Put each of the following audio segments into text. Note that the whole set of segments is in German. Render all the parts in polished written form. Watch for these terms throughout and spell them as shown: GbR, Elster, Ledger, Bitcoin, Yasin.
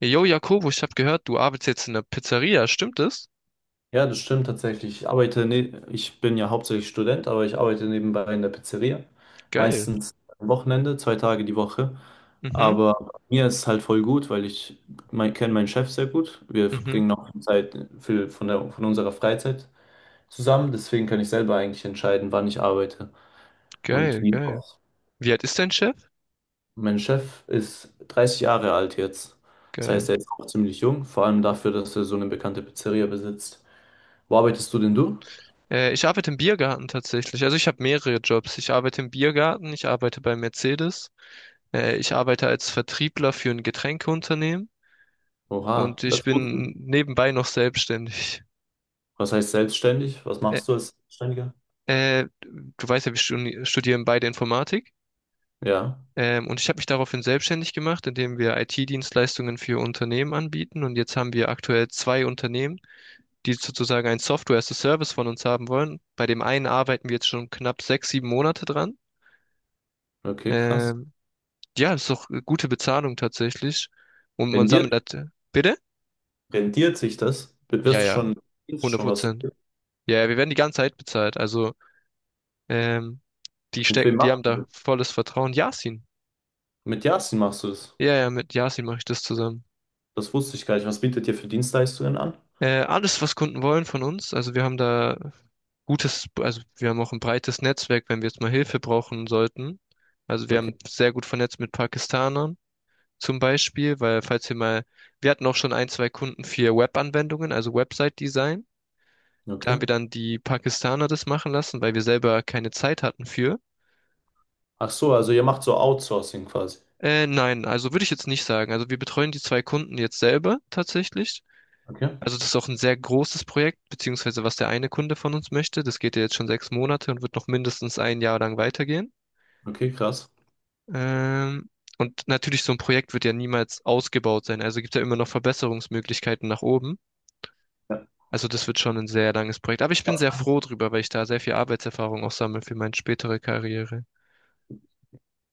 Jo, Jakobo, ich habe gehört, du arbeitest jetzt in der Pizzeria, stimmt das? Ja, das stimmt tatsächlich. Ich arbeite, ich bin ja hauptsächlich Student, aber ich arbeite nebenbei in der Pizzeria. Geil. Meistens am Wochenende, 2 Tage die Woche. Mhm, Aber bei mir ist es halt voll gut, weil ich kenne meinen Chef sehr gut. Wir mhm, verbringen auch Zeit viel von unserer Freizeit zusammen. Deswegen kann ich selber eigentlich entscheiden, wann ich arbeite und geil, wie geil. auch. Wie alt ist dein Chef? Mein Chef ist 30 Jahre alt jetzt. Das Geil. heißt, er ist auch ziemlich jung, vor allem dafür, dass er so eine bekannte Pizzeria besitzt. Wo arbeitest du denn du? Ich arbeite im Biergarten tatsächlich. Also ich habe mehrere Jobs. Ich arbeite im Biergarten, ich arbeite bei Mercedes, ich arbeite als Vertriebler für ein Getränkeunternehmen Oha, und das ich ist gut. bin nebenbei noch selbstständig. Was heißt selbstständig? Was Äh, machst du als Selbstständiger? Du weißt ja, wir studieren beide Informatik. Ja, Und ich habe mich daraufhin selbstständig gemacht, indem wir IT-Dienstleistungen für Unternehmen anbieten. Und jetzt haben wir aktuell zwei Unternehmen, die sozusagen ein Software as a Service von uns haben wollen. Bei dem einen arbeiten wir jetzt schon knapp 6, 7 Monate dran. okay, krass. Ähm, ja, ist doch eine gute Bezahlung tatsächlich. Und man Rendiert, sammelt das. Bitte? rendiert sich das? Ja, ja, Wirst du hundert schon was Prozent. dafür? Ja, ja, wir werden die ganze Zeit bezahlt. Also, ähm, Mit wem die haben machst du da das? volles Vertrauen. Yasin. Mit Yasin machst du das? Ja, ja, mit Yasin mache ich das zusammen. Das wusste ich gar nicht. Was bietet ihr für Dienstleistungen an? Alles, was Kunden wollen von uns. Also wir haben auch ein breites Netzwerk, wenn wir jetzt mal Hilfe brauchen sollten. Also wir Okay, haben sehr gut vernetzt mit Pakistanern zum Beispiel, weil falls wir mal, wir hatten auch schon ein, zwei Kunden für Web-Anwendungen, also Website-Design. Da okay. haben wir dann die Pakistaner das machen lassen, weil wir selber keine Zeit hatten für. Ach so, also ihr macht so Outsourcing quasi. Nein, also würde ich jetzt nicht sagen. Also wir betreuen die zwei Kunden jetzt selber tatsächlich. Okay, Also das ist auch ein sehr großes Projekt, beziehungsweise was der eine Kunde von uns möchte. Das geht ja jetzt schon 6 Monate und wird noch mindestens ein Jahr lang weitergehen. okay, krass. Ähm, und natürlich, so ein Projekt wird ja niemals ausgebaut sein. Also gibt ja immer noch Verbesserungsmöglichkeiten nach oben. Ja. Also das wird schon ein sehr langes Projekt. Aber ich bin Was- sehr froh drüber, weil ich da sehr viel Arbeitserfahrung auch sammle für meine spätere Karriere.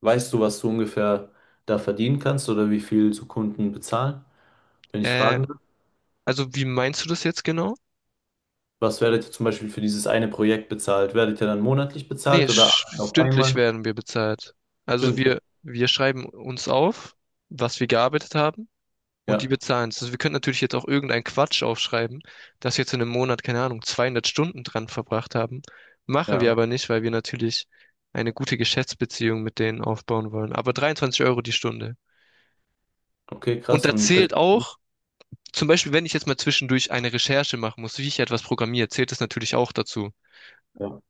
Weißt du, was du ungefähr da verdienen kannst oder wie viel so Kunden bezahlen? Wenn ich Äh, fragen darf, also wie meinst du das jetzt genau? was werdet ihr zum Beispiel für dieses eine Projekt bezahlt? Werdet ihr dann monatlich Nee, bezahlt oder auf stündlich einmal? werden wir bezahlt. Also Stündlich? wir schreiben uns auf, was wir gearbeitet haben. Und die Ja, bezahlen es. Also wir können natürlich jetzt auch irgendeinen Quatsch aufschreiben, dass wir jetzt in einem Monat, keine Ahnung, 200 Stunden dran verbracht haben. Machen wir ja. aber nicht, weil wir natürlich eine gute Geschäftsbeziehung mit denen aufbauen wollen. Aber 23 Euro die Stunde. Okay, Und krass. da zählt auch, zum Beispiel, wenn ich jetzt mal zwischendurch eine Recherche machen muss, wie ich etwas programmiere, zählt das natürlich auch dazu. Ja.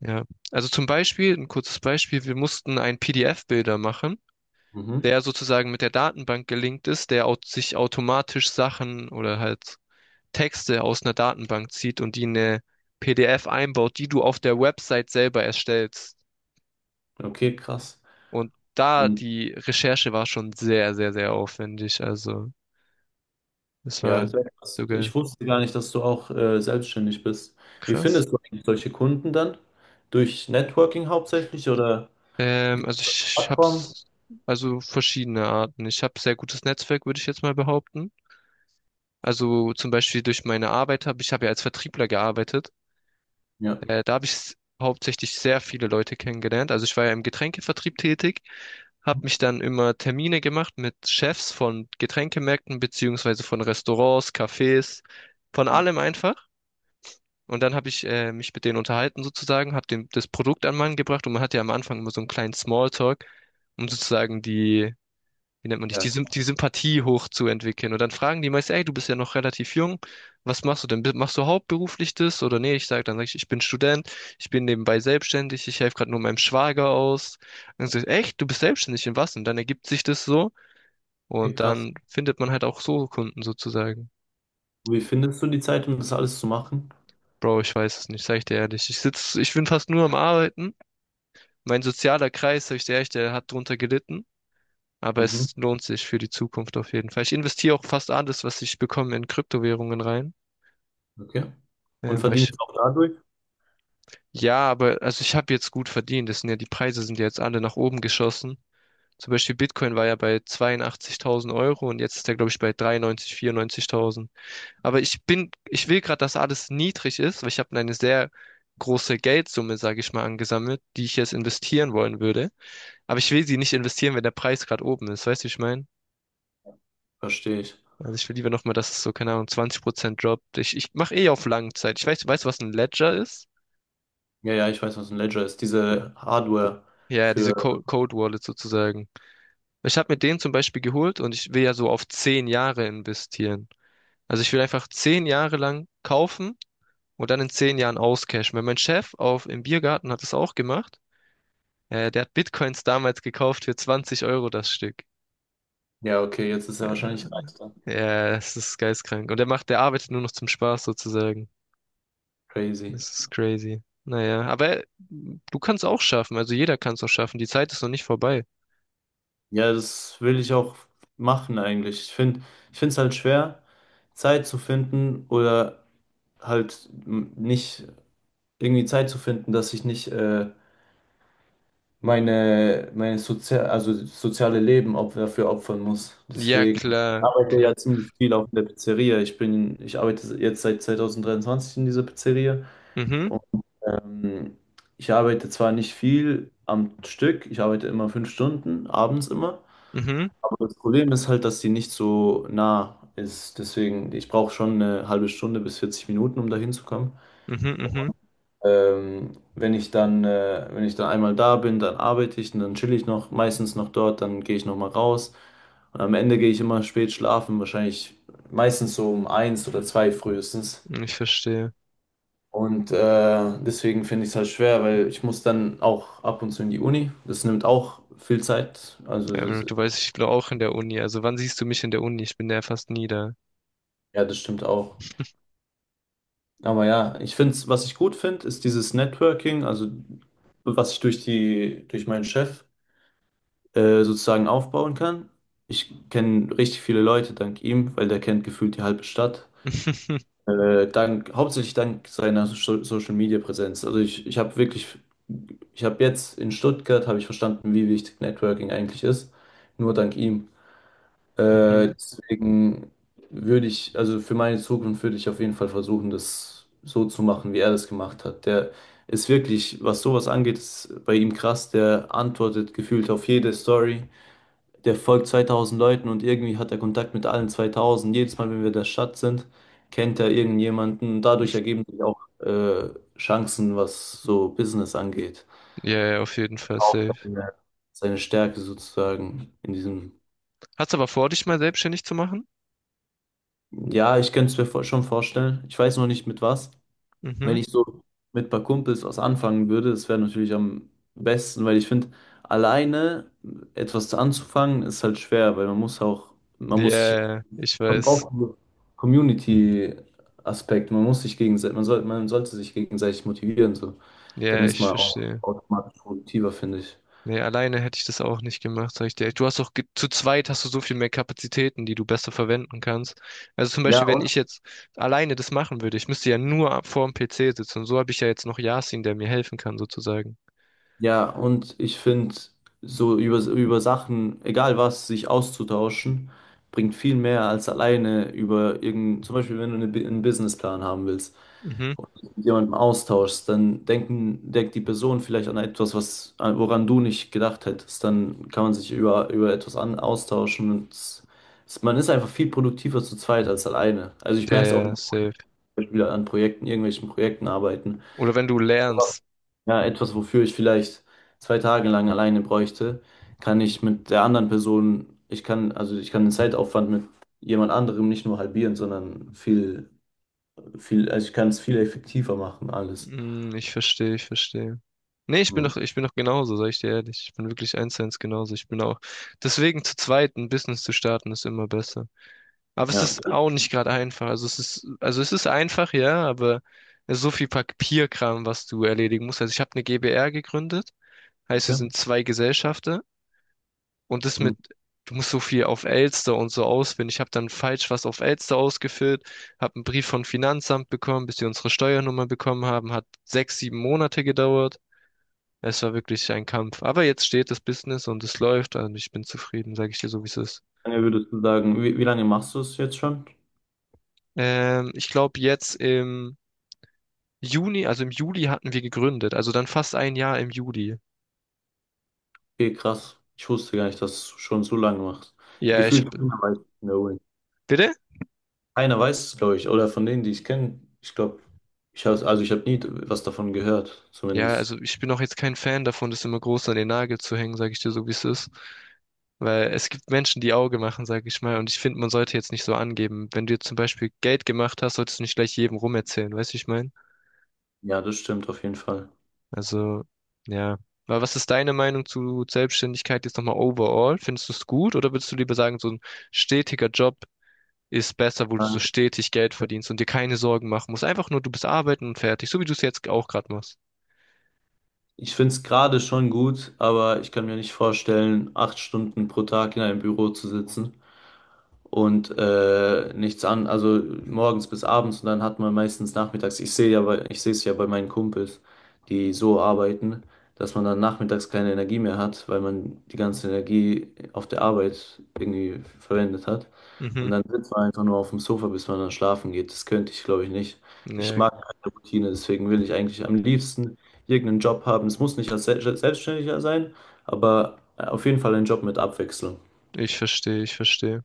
Ja. Also zum Beispiel, ein kurzes Beispiel, wir mussten einen PDF-Bilder machen, Mhm. der sozusagen mit der Datenbank gelinkt ist, der sich automatisch Sachen oder halt Texte aus einer Datenbank zieht und die in eine PDF einbaut, die du auf der Website selber erstellst. Okay, krass. Und da Und die Recherche war schon sehr, sehr, sehr aufwendig. Also, das ja, war sehr krass. sogar Ich wusste gar nicht, dass du auch selbstständig bist. Wie krass. findest du eigentlich solche Kunden dann? Durch Networking hauptsächlich oder Ähm, also ich Plattform? hab's, also verschiedene Arten. Ich habe sehr gutes Netzwerk, würde ich jetzt mal behaupten. Also zum Beispiel durch meine Arbeit habe ja als Vertriebler gearbeitet. Ja. Da habe ich hauptsächlich sehr viele Leute kennengelernt. Also ich war ja im Getränkevertrieb tätig habe mich dann immer Termine gemacht mit Chefs von Getränkemärkten beziehungsweise von Restaurants, Cafés, von Ja, allem einfach. Und dann habe ich mich mit denen unterhalten sozusagen, habe dem das Produkt an Mann gebracht und man hat ja am Anfang immer so einen kleinen Smalltalk, um sozusagen die wie nennt man dich, ja, die, Symp- die Sympathie hochzuentwickeln. Und dann fragen die meist, ey, du bist ja noch relativ jung, was machst du denn? Machst du hauptberuflich das? Oder nee, sag ich, ich bin Student, ich bin nebenbei selbstständig, ich helfe gerade nur meinem Schwager aus. Und dann sag ich, echt, du bist selbstständig in was? Und dann ergibt sich das so okay, und krass. dann findet man halt auch so Kunden sozusagen. Wie findest du die Zeit, um das alles zu machen? Bro, ich weiß es nicht, sag ich dir ehrlich. Ich bin fast nur am Arbeiten. Mein sozialer Kreis, sag ich dir ehrlich, der hat drunter gelitten. Aber Mhm. es lohnt sich für die Zukunft auf jeden Fall. Ich investiere auch fast alles, was ich bekomme, in Kryptowährungen rein. Okay. Und Ähm, weil ich, verdienst auch dadurch? ja, aber also ich habe jetzt gut verdient. Die Preise sind ja jetzt alle nach oben geschossen. Zum Beispiel Bitcoin war ja bei 82.000 Euro und jetzt ist er, glaube ich, bei 93.000, 94.000. Ich will gerade, dass alles niedrig ist, weil ich habe eine sehr große Geldsumme, sage ich mal, angesammelt, die ich jetzt investieren wollen würde. Aber ich will sie nicht investieren, wenn der Preis gerade oben ist. Weißt du, wie ich meine? Verstehe ich. Also ich will lieber nochmal, dass es so, keine Ahnung, 20% droppt. Ich mache eh auf Langzeit. Ich weiß, weißt du, was ein Ledger ist? Ja, ja, ich weiß, was ein Ledger ist. Diese Hardware Ja, ja, diese für. Co Code Wallet sozusagen. Ich habe mir den zum Beispiel geholt und ich will ja so auf 10 Jahre investieren. Also ich will einfach 10 Jahre lang kaufen und dann in 10 Jahren auscashen. Weil mein Chef auf, im Biergarten hat es auch gemacht. Der hat Bitcoins damals gekauft für 20 Euro das Stück. Ja, okay, jetzt ist er Äh, wahrscheinlich leichter. ja, das ist geistkrank. Und der arbeitet nur noch zum Spaß sozusagen. Crazy. Das ist crazy. Naja, aber du kannst auch schaffen. Also jeder kann es auch schaffen. Die Zeit ist noch nicht vorbei. Ja, das will ich auch machen eigentlich. Ich finde es halt schwer, Zeit zu finden oder nicht irgendwie Zeit zu finden, dass ich nicht meine Sozia also soziale Leben op dafür opfern muss. Ja, Deswegen ich klar, arbeite klar. ja ziemlich viel auch in der Pizzeria. Ich arbeite jetzt seit 2023 in dieser Pizzeria. Mhm, Und, ähm, ich arbeite zwar nicht viel am Stück, ich arbeite immer 5 Stunden, abends immer. mhm, Aber das Problem ist halt, dass die nicht so nah ist. Deswegen, ich brauche schon eine halbe Stunde bis 40 Minuten, um da hinzukommen. mhm, Wenn ich dann, wenn ich dann einmal da bin, dann arbeite ich und dann chill ich noch, meistens noch dort, dann gehe ich nochmal raus. Und am Ende gehe ich immer spät schlafen, wahrscheinlich meistens so um eins oder zwei frühestens. mhm. Ich verstehe. Und deswegen finde ich es halt schwer, weil ich muss dann auch ab und zu in die Uni. Das nimmt auch viel Zeit. Ja, aber du weißt, ich bin auch in der Uni. Also wann siehst du mich in der Uni? Ich bin ja fast nie da. Ja, das stimmt auch. Aber ja, ich finde, was ich gut finde, ist dieses Networking, also was ich durch meinen Chef sozusagen aufbauen kann. Ich kenne richtig viele Leute dank ihm, weil der kennt gefühlt die halbe Stadt. Hauptsächlich dank seiner so Social Media Präsenz. Ich habe wirklich, ich habe jetzt in Stuttgart habe ich verstanden, wie wichtig Networking eigentlich ist. Nur dank ihm. Mhm. Deswegen würde ich, also für meine Zukunft würde ich auf jeden Fall versuchen, das so zu machen, wie er das gemacht hat. Der ist wirklich, was sowas angeht, ist bei ihm krass. Der antwortet gefühlt auf jede Story. Der folgt 2000 Leuten und irgendwie hat er Kontakt mit allen 2000. Jedes Mal, wenn wir in der Stadt sind, kennt er irgendjemanden. Dadurch ergeben sich auch Chancen, was so Business angeht. Ja, ja, auf jeden Fall Auch safe. seine, seine Stärke sozusagen in diesem. Hast aber vor, dich mal selbstständig zu machen? Ja, ich könnte es mir schon vorstellen. Ich weiß noch nicht mit was. Wenn Mhm. ich so mit ein paar Kumpels was anfangen würde, das wäre natürlich am besten, weil ich finde, alleine etwas zu anzufangen ist halt schwer, weil man muss auch, man muss sich, Ja, ich man weiß. braucht einen Community-Aspekt, man soll, man sollte sich gegenseitig motivieren, so. Dann Ja, ist ich man auch verstehe. automatisch produktiver, finde ich. Nee, alleine hätte ich das auch nicht gemacht, sag ich dir. Du hast doch zu zweit hast du so viel mehr Kapazitäten, die du besser verwenden kannst. Also zum Ja, Beispiel, wenn ich jetzt alleine das machen würde, ich müsste ja nur vor dem PC sitzen. Und so habe ich ja jetzt noch Yasin, der mir helfen kann, sozusagen. ja, und ich finde, so über, über Sachen, egal was, sich auszutauschen, bringt viel mehr als alleine über irgendein, zum Beispiel, wenn du einen Businessplan haben willst, Mhm. mit jemandem austauschst, denkt die Person vielleicht an etwas, woran du nicht gedacht hättest. Dann kann man sich über etwas austauschen man ist einfach viel produktiver zu zweit als alleine. Also ich merke es auch Der zum safe. Beispiel an Projekten, irgendwelchen Projekten arbeiten Oder wenn du lernst. ja, etwas, wofür ich vielleicht 2 Tage lang alleine bräuchte, kann ich mit der anderen Person, also ich kann den Zeitaufwand mit jemand anderem nicht nur halbieren, sondern viel, also ich kann es viel effektiver machen, alles. Hm, ich verstehe, ich verstehe. Nee, ich bin Hm. doch, ich bin doch genauso, sag ich dir ehrlich. Ich bin wirklich eins zu eins genauso. Ich bin auch. Deswegen zu zweit ein Business zu starten ist immer besser. Aber es Ja, ist auch nicht gerade einfach. Also es ist einfach, ja, aber es ist so viel Papierkram, was du erledigen musst. Also ich habe eine GbR gegründet, heißt, wir sind danke. zwei Gesellschafter und das Hm. mit, du musst so viel auf Elster und so ausfüllen. Ich habe dann falsch was auf Elster ausgefüllt, habe einen Brief vom Finanzamt bekommen, bis sie unsere Steuernummer bekommen haben, hat 6, 7 Monate gedauert. Es war wirklich ein Kampf. Aber jetzt steht das Business und es läuft und ich bin zufrieden, sage ich dir so, wie es ist. Wie lange würdest du sagen, wie lange machst du es jetzt schon? Ich glaube, jetzt im Juni, also im Juli hatten wir gegründet, also dann fast ein Jahr im Juli. Okay, krass. Ich wusste gar nicht, dass du schon so lange machst. Ja, Gefühlt keiner weiß es in der Uni. bitte? Keiner weiß es, glaube ich, oder von denen, die ich kenne, ich glaube, also ich habe nie was davon gehört, Ja, zumindest. also ich bin auch jetzt kein Fan davon, das immer groß an den Nagel zu hängen, sage ich dir so, wie es ist. Weil es gibt Menschen, die Auge machen, sage ich mal. Und ich finde, man sollte jetzt nicht so angeben. Wenn du jetzt zum Beispiel Geld gemacht hast, solltest du nicht gleich jedem rumerzählen, weißt du, wie ich meine? Ja, das stimmt auf jeden Fall. Also, ja. Aber was ist deine Meinung zu Selbstständigkeit jetzt nochmal overall? Findest du es gut oder würdest du lieber sagen, so ein stetiger Job, ist besser, wo du so Ähm, stetig Geld verdienst und dir keine Sorgen machen musst. Einfach nur, du bist arbeiten und fertig, so wie du es jetzt auch gerade machst. Ich finde es gerade schon gut, aber ich kann mir nicht vorstellen, 8 Stunden pro Tag in einem Büro zu sitzen. Und nichts an, also morgens bis abends und dann hat man meistens nachmittags, ich sehe es ja bei meinen Kumpels, die so arbeiten, dass man dann nachmittags keine Energie mehr hat, weil man die ganze Energie auf der Arbeit irgendwie verwendet hat. Mhm. Und dann sitzt man einfach nur auf dem Sofa, bis man dann schlafen geht. Das könnte ich, glaube ich, nicht. Ich Ja, mag keine Routine, deswegen will ich eigentlich am liebsten irgendeinen Job haben. Es muss nicht als Selbstständiger sein, aber auf jeden Fall ein Job mit Abwechslung. ich verstehe, ich verstehe.